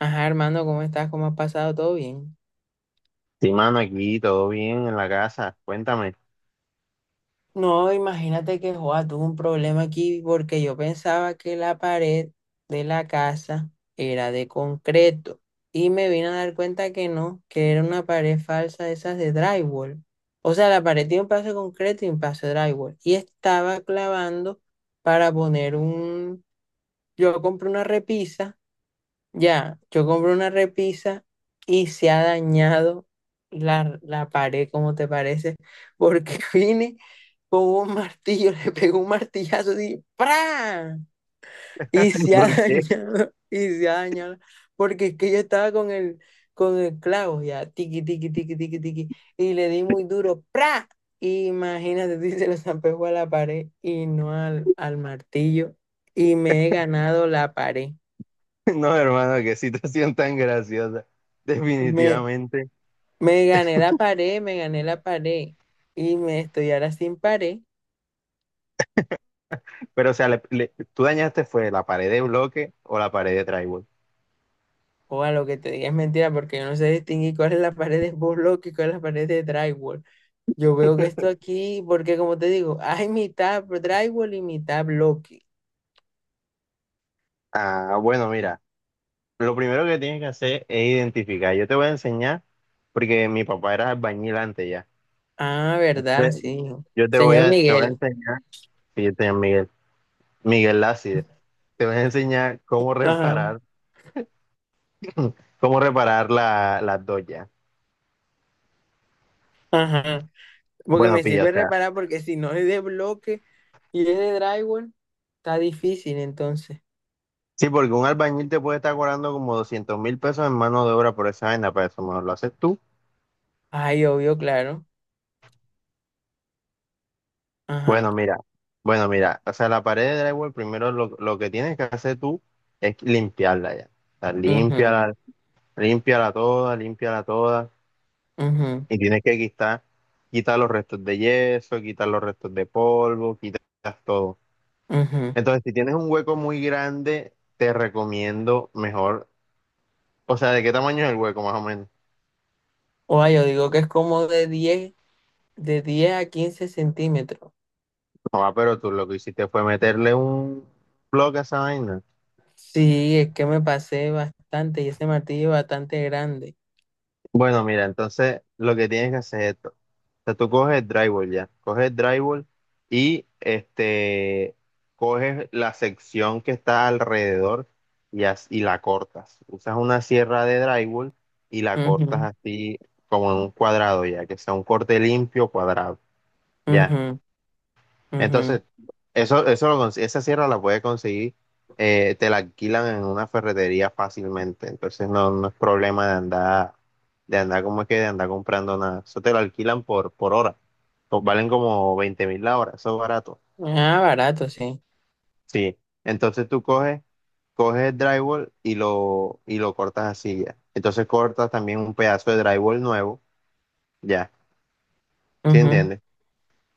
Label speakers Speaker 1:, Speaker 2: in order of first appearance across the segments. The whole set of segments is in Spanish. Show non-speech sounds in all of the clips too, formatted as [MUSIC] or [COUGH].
Speaker 1: Ajá, Armando, ¿cómo estás? ¿Cómo has pasado? ¿Todo bien?
Speaker 2: Sí, mano, aquí todo bien en la casa. Cuéntame.
Speaker 1: No, imagínate que Joa tuvo un problema aquí porque yo pensaba que la pared de la casa era de concreto y me vine a dar cuenta que no, que era una pared falsa de esas de drywall. O sea, la pared tiene un paso de concreto y un paso de drywall y estaba clavando para poner un... Yo compré una repisa. Ya, yo compré una repisa y se ha dañado la pared, ¿cómo te parece? Porque [LAUGHS] vine con un martillo, le pegó un martillazo así, ¡pra! Y
Speaker 2: [LAUGHS]
Speaker 1: se ha [LAUGHS]
Speaker 2: ¿Por qué?
Speaker 1: dañado, y se ha dañado, porque es que yo estaba con el clavo ya, tiqui, tiqui, tiqui, tiqui, tiqui, y le di muy duro, ¡pra! Imagínate, [LAUGHS] si se lo zampejó a la pared y no al martillo, y me he ganado la pared.
Speaker 2: No, hermano, qué situación tan graciosa.
Speaker 1: Me,
Speaker 2: Definitivamente.
Speaker 1: Me gané la pared, me gané la pared. Y me estoy ahora sin pared.
Speaker 2: Pero, o sea, ¿tú dañaste fue la pared de bloque o la pared de drywall?
Speaker 1: O a lo que te diga es mentira, porque yo no sé distinguir cuál es la pared de burlock y cuál es la pared de drywall. Yo veo que esto aquí, porque como te digo, hay mitad drywall y mitad bloque.
Speaker 2: Ah, bueno, mira, lo primero que tienes que hacer es identificar. Yo te voy a enseñar, porque mi papá era albañil antes ya.
Speaker 1: Ah, ¿verdad?
Speaker 2: Ve,
Speaker 1: Sí.
Speaker 2: Yo
Speaker 1: Señor
Speaker 2: te voy a
Speaker 1: Miguel.
Speaker 2: enseñar, fíjate, Miguel, Miguel Lázide, te voy a enseñar cómo
Speaker 1: Ajá,
Speaker 2: reparar, cómo reparar las dos ya.
Speaker 1: ajá. Porque
Speaker 2: Bueno,
Speaker 1: me
Speaker 2: pilla, o
Speaker 1: sirve
Speaker 2: sea.
Speaker 1: reparar, porque si no es de bloque y es de drywall, está difícil entonces.
Speaker 2: Sí, porque un albañil te puede estar cobrando como 200.000 pesos en mano de obra por esa vaina, para eso mejor lo haces tú.
Speaker 1: Ay, obvio, claro. Ajá.
Speaker 2: Bueno, mira, o sea, la pared de drywall, primero lo que tienes que hacer tú es limpiarla ya. O sea,
Speaker 1: Mhm.
Speaker 2: límpiala, límpiala toda, límpiala toda.
Speaker 1: Mhm.
Speaker 2: Y tienes que quitar los restos de yeso, quitar los restos de polvo, quitas todo.
Speaker 1: Mhm.
Speaker 2: Entonces, si tienes un hueco muy grande, te recomiendo mejor, o sea, ¿de qué tamaño es el hueco más o menos?
Speaker 1: O yo digo que es como de 10, de 10 a 15 centímetros.
Speaker 2: Joa, pero tú lo que hiciste fue meterle un bloque a esa vaina.
Speaker 1: Sí, es que me pasé bastante y ese martillo es bastante grande.
Speaker 2: Bueno, mira, entonces lo que tienes que hacer es esto. O sea, tú coges el drywall ya, coges el drywall y este, coges la sección que está alrededor y la cortas. Usas una sierra de drywall y la cortas
Speaker 1: Ujú,
Speaker 2: así como en un cuadrado ya, que sea un corte limpio cuadrado. Ya.
Speaker 1: ujú, ujú.
Speaker 2: Entonces, esa sierra la puedes conseguir, te la alquilan en una ferretería fácilmente. Entonces no es problema de andar, como es que de andar comprando nada. Eso te lo alquilan por hora. Pues valen como 20.000 la hora, eso es barato.
Speaker 1: Ah, barato, sí.
Speaker 2: Sí. Entonces tú coges el drywall y lo cortas así ya. Entonces cortas también un pedazo de drywall nuevo, ya. ¿Sí
Speaker 1: Ujú. O
Speaker 2: entiendes?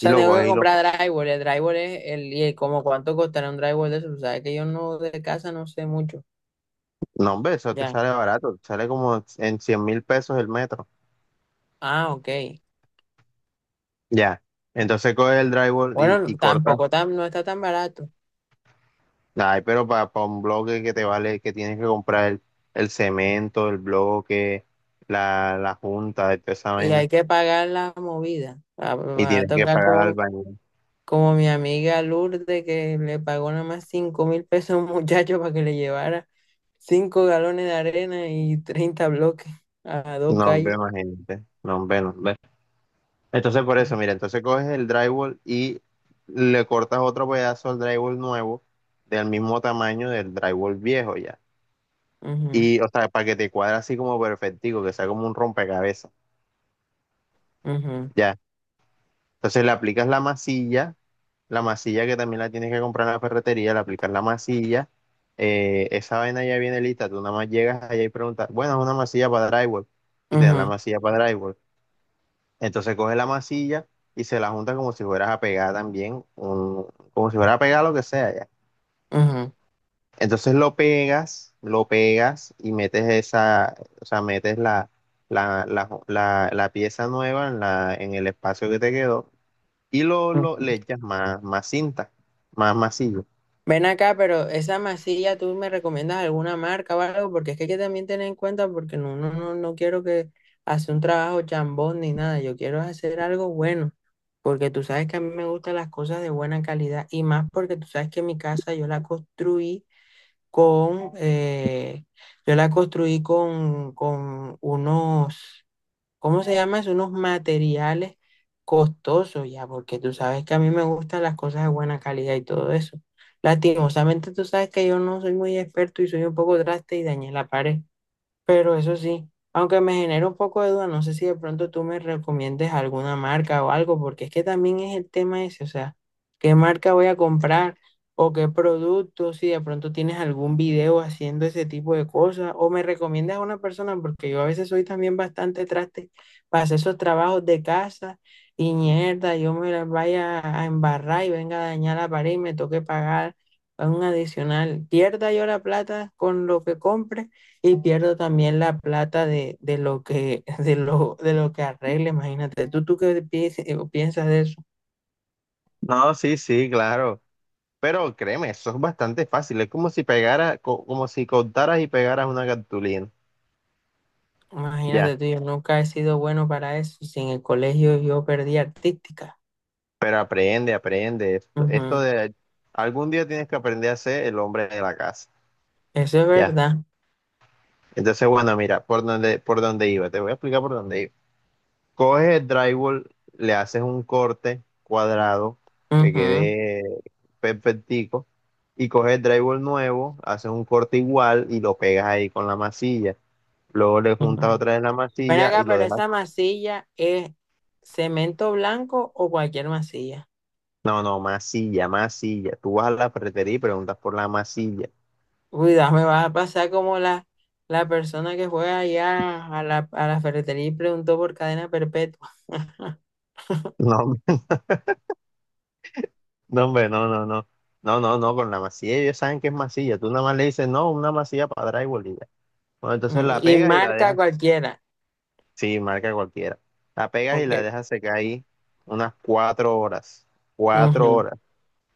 Speaker 2: Y
Speaker 1: sea,
Speaker 2: lo
Speaker 1: tengo que
Speaker 2: coges y lo...
Speaker 1: comprar drywall. El drywall es el... ¿Y como cuánto costará un drywall de eso? Tú sabes que yo no de casa no sé mucho.
Speaker 2: No, hombre, eso te
Speaker 1: Ya.
Speaker 2: sale barato, te sale como en 100.000 pesos el metro.
Speaker 1: Ah, ok.
Speaker 2: Ya. Entonces coges el drywall y,
Speaker 1: Bueno,
Speaker 2: y cortas.
Speaker 1: tampoco tan, no está tan barato.
Speaker 2: Ay, pero para un bloque que te vale, que tienes que comprar el cemento, el bloque, la junta, de toda esa
Speaker 1: Y hay
Speaker 2: vaina.
Speaker 1: que pagar la movida. Va,
Speaker 2: Y
Speaker 1: va a
Speaker 2: tienes que
Speaker 1: tocar
Speaker 2: pagar al
Speaker 1: como
Speaker 2: baño.
Speaker 1: como mi amiga Lourdes que le pagó nada más 5.000 pesos a un [LAUGHS] muchacho para que le llevara 5 galones de arena y 30 bloques a dos
Speaker 2: No, hombre,
Speaker 1: calles.
Speaker 2: imagínate. No, hombre, no, hombre. Entonces, por eso,
Speaker 1: Ujú,
Speaker 2: mira, entonces coges el drywall y le cortas otro pedazo al drywall nuevo, del mismo tamaño del drywall viejo ya. Y, o sea, para que te cuadre así como perfectico, que sea como un rompecabezas.
Speaker 1: ujú,
Speaker 2: Ya. Entonces le aplicas la masilla que también la tienes que comprar en la ferretería, le aplicas la masilla, esa vaina ya viene lista, tú nada más llegas allá y preguntas, bueno, es una masilla para drywall, y te dan la
Speaker 1: ujú,
Speaker 2: masilla para drywall. Entonces coges la masilla y se la junta como si fueras a pegar también, como si fueras a pegar lo que sea ya.
Speaker 1: ujú,
Speaker 2: Entonces lo pegas y metes esa, o sea, metes la pieza nueva en el espacio que te quedó y
Speaker 1: ujú.
Speaker 2: le echas más cinta, más masillo.
Speaker 1: Ven acá, pero esa masilla, ¿tú me recomiendas alguna marca o algo? Porque es que hay que también tener en cuenta, porque no, no, no, no quiero que hacer un trabajo chambón ni nada, yo quiero hacer algo bueno. Porque tú sabes que a mí me gustan las cosas de buena calidad y más porque tú sabes que mi casa yo la construí con, yo la construí con unos, ¿cómo se llama eso? Unos materiales costosos ya, porque tú sabes que a mí me gustan las cosas de buena calidad y todo eso. Lastimosamente tú sabes que yo no soy muy experto y soy un poco traste y dañé la pared. Pero eso sí, aunque me genera un poco de duda, no sé si de pronto tú me recomiendes alguna marca o algo, porque es que también es el tema ese, o sea, ¿qué marca voy a comprar o qué producto? Si de pronto tienes algún video haciendo ese tipo de cosas o me recomiendas a una persona, porque yo a veces soy también bastante traste para hacer esos trabajos de casa y mierda, yo me las vaya a embarrar y venga a dañar la pared y me toque pagar un adicional. Pierda yo la plata con lo que compre y pierdo también la plata de lo que, [LAUGHS] de lo que arregle, imagínate. ¿Tú qué piensas, de eso?
Speaker 2: No, sí, sí, claro. Pero créeme, eso es bastante fácil. Es como si pegara, como si cortaras y pegaras una cartulina. Ya.
Speaker 1: Imagínate tú, yo nunca he sido bueno para eso. Si en el colegio yo perdí artística.
Speaker 2: Pero aprende, aprende. Esto
Speaker 1: Ujú.
Speaker 2: de algún día tienes que aprender a ser el hombre de la casa.
Speaker 1: Eso es
Speaker 2: Ya.
Speaker 1: verdad.
Speaker 2: Entonces, bueno, mira, por dónde iba. Te voy a explicar por dónde iba. Coges el drywall, le haces un corte cuadrado que quede perfectico y coges el drywall nuevo, haces un corte igual y lo pegas ahí con la masilla. Luego le
Speaker 1: Ujú,
Speaker 2: juntas
Speaker 1: ujú.
Speaker 2: otra vez la
Speaker 1: Ven
Speaker 2: masilla y
Speaker 1: acá,
Speaker 2: lo
Speaker 1: pero
Speaker 2: dejas.
Speaker 1: esa masilla es cemento blanco o cualquier masilla.
Speaker 2: No, no, masilla, masilla. Tú vas a la ferretería y preguntas por la masilla.
Speaker 1: Cuidado, me vas a pasar como la persona que fue allá a la ferretería y preguntó por cadena perpetua.
Speaker 2: [LAUGHS] No, no, hombre, no, no, no. No, no, no, con la masilla ellos saben que es masilla. Tú nada más le dices, no, una masilla para drywall y ya. Bueno, entonces
Speaker 1: Mm.
Speaker 2: la
Speaker 1: Y
Speaker 2: pegas y la
Speaker 1: marca
Speaker 2: dejas.
Speaker 1: cualquiera.
Speaker 2: Sí, marca cualquiera. La pegas y
Speaker 1: Ok.
Speaker 2: la dejas secar ahí unas 4 horas, cuatro
Speaker 1: Ujú.
Speaker 2: horas.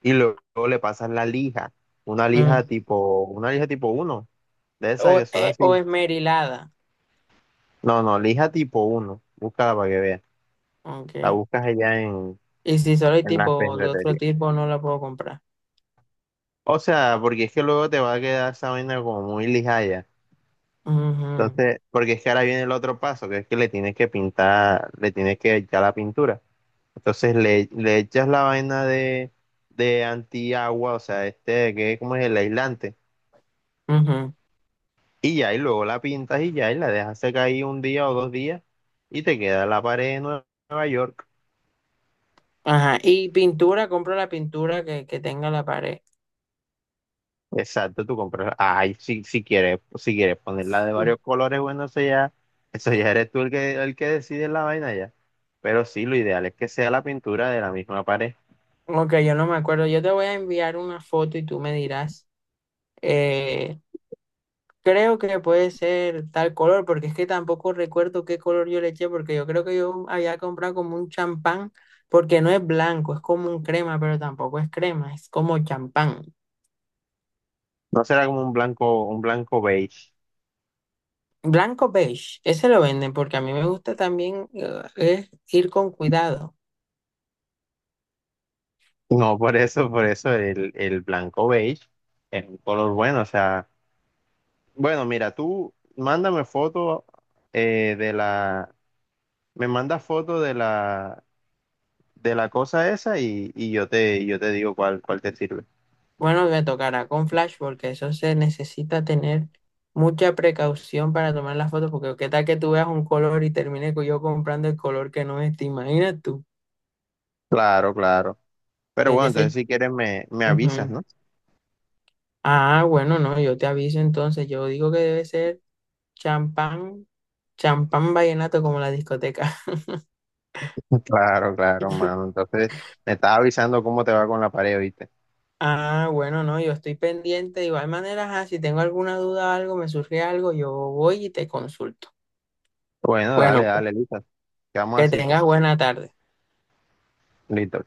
Speaker 2: Y luego le pasas la lija, una lija
Speaker 1: Mm.
Speaker 2: tipo, una lija tipo uno, de esas que son
Speaker 1: O
Speaker 2: así.
Speaker 1: esmerilada.
Speaker 2: No, no, lija tipo uno, búscala para que veas. La
Speaker 1: Ok.
Speaker 2: buscas allá en,
Speaker 1: Y si solo hay
Speaker 2: en las
Speaker 1: tipo de otro
Speaker 2: ferreterías.
Speaker 1: tipo, no la puedo comprar.
Speaker 2: O sea, porque es que luego te va a quedar esa vaina como muy lijaya.
Speaker 1: Ujú,
Speaker 2: Entonces, porque es que ahora viene el otro paso, que es que le tienes que pintar, le tienes que echar la pintura. Entonces le echas la vaina de antiagua, o sea, este que cómo es el aislante,
Speaker 1: ujú.
Speaker 2: y ya, y luego la pintas y ya, y la dejas secar ahí un día o 2 días, y te queda la pared de Nueva York.
Speaker 1: Ajá. Y pintura, compro la pintura que tenga la pared.
Speaker 2: Exacto, tú compras. Ay, si quieres ponerla de
Speaker 1: Mm.
Speaker 2: varios colores, bueno, eso ya eres tú el que decide la vaina ya. Pero sí, lo ideal es que sea la pintura de la misma pared.
Speaker 1: Ok, yo no me acuerdo. Yo te voy a enviar una foto y tú me dirás. eh, Creo que puede ser tal color, porque es que tampoco recuerdo qué color yo le eché, porque yo creo que yo había comprado como un champán, porque no es blanco, es como un crema, pero tampoco es crema, es como champán.
Speaker 2: No será como un blanco beige.
Speaker 1: Blanco beige, ese lo venden porque a mí me gusta también es ir con cuidado.
Speaker 2: No, por eso el blanco beige es un color bueno. O sea, bueno, mira, tú mándame foto eh, de la, me mandas foto de la cosa esa y yo te digo cuál te sirve.
Speaker 1: Bueno, me tocará con flash porque eso se necesita tener mucha precaución para tomar las fotos porque qué tal que tú veas un color y termine yo comprando el color que no es, te imaginas tú.
Speaker 2: Claro, claro. Pero
Speaker 1: Tiene
Speaker 2: bueno,
Speaker 1: que
Speaker 2: entonces
Speaker 1: ser...
Speaker 2: si quieres me avisas,
Speaker 1: Ujú.
Speaker 2: ¿no?
Speaker 1: Ah, bueno, no, yo te aviso entonces, yo digo que debe ser champán, champán vallenato como la discoteca.
Speaker 2: [LAUGHS] Claro, claro, mano. Entonces me estás avisando cómo te va con la pared, ¿viste?
Speaker 1: Ah, bueno, no, yo estoy pendiente. De igual manera, ajá, si tengo alguna duda, algo, me surge algo, yo voy y te consulto.
Speaker 2: Bueno, dale,
Speaker 1: Bueno, pues,
Speaker 2: dale, listo. Quedamos
Speaker 1: que
Speaker 2: así, pues.
Speaker 1: tengas buena tarde.
Speaker 2: Listo.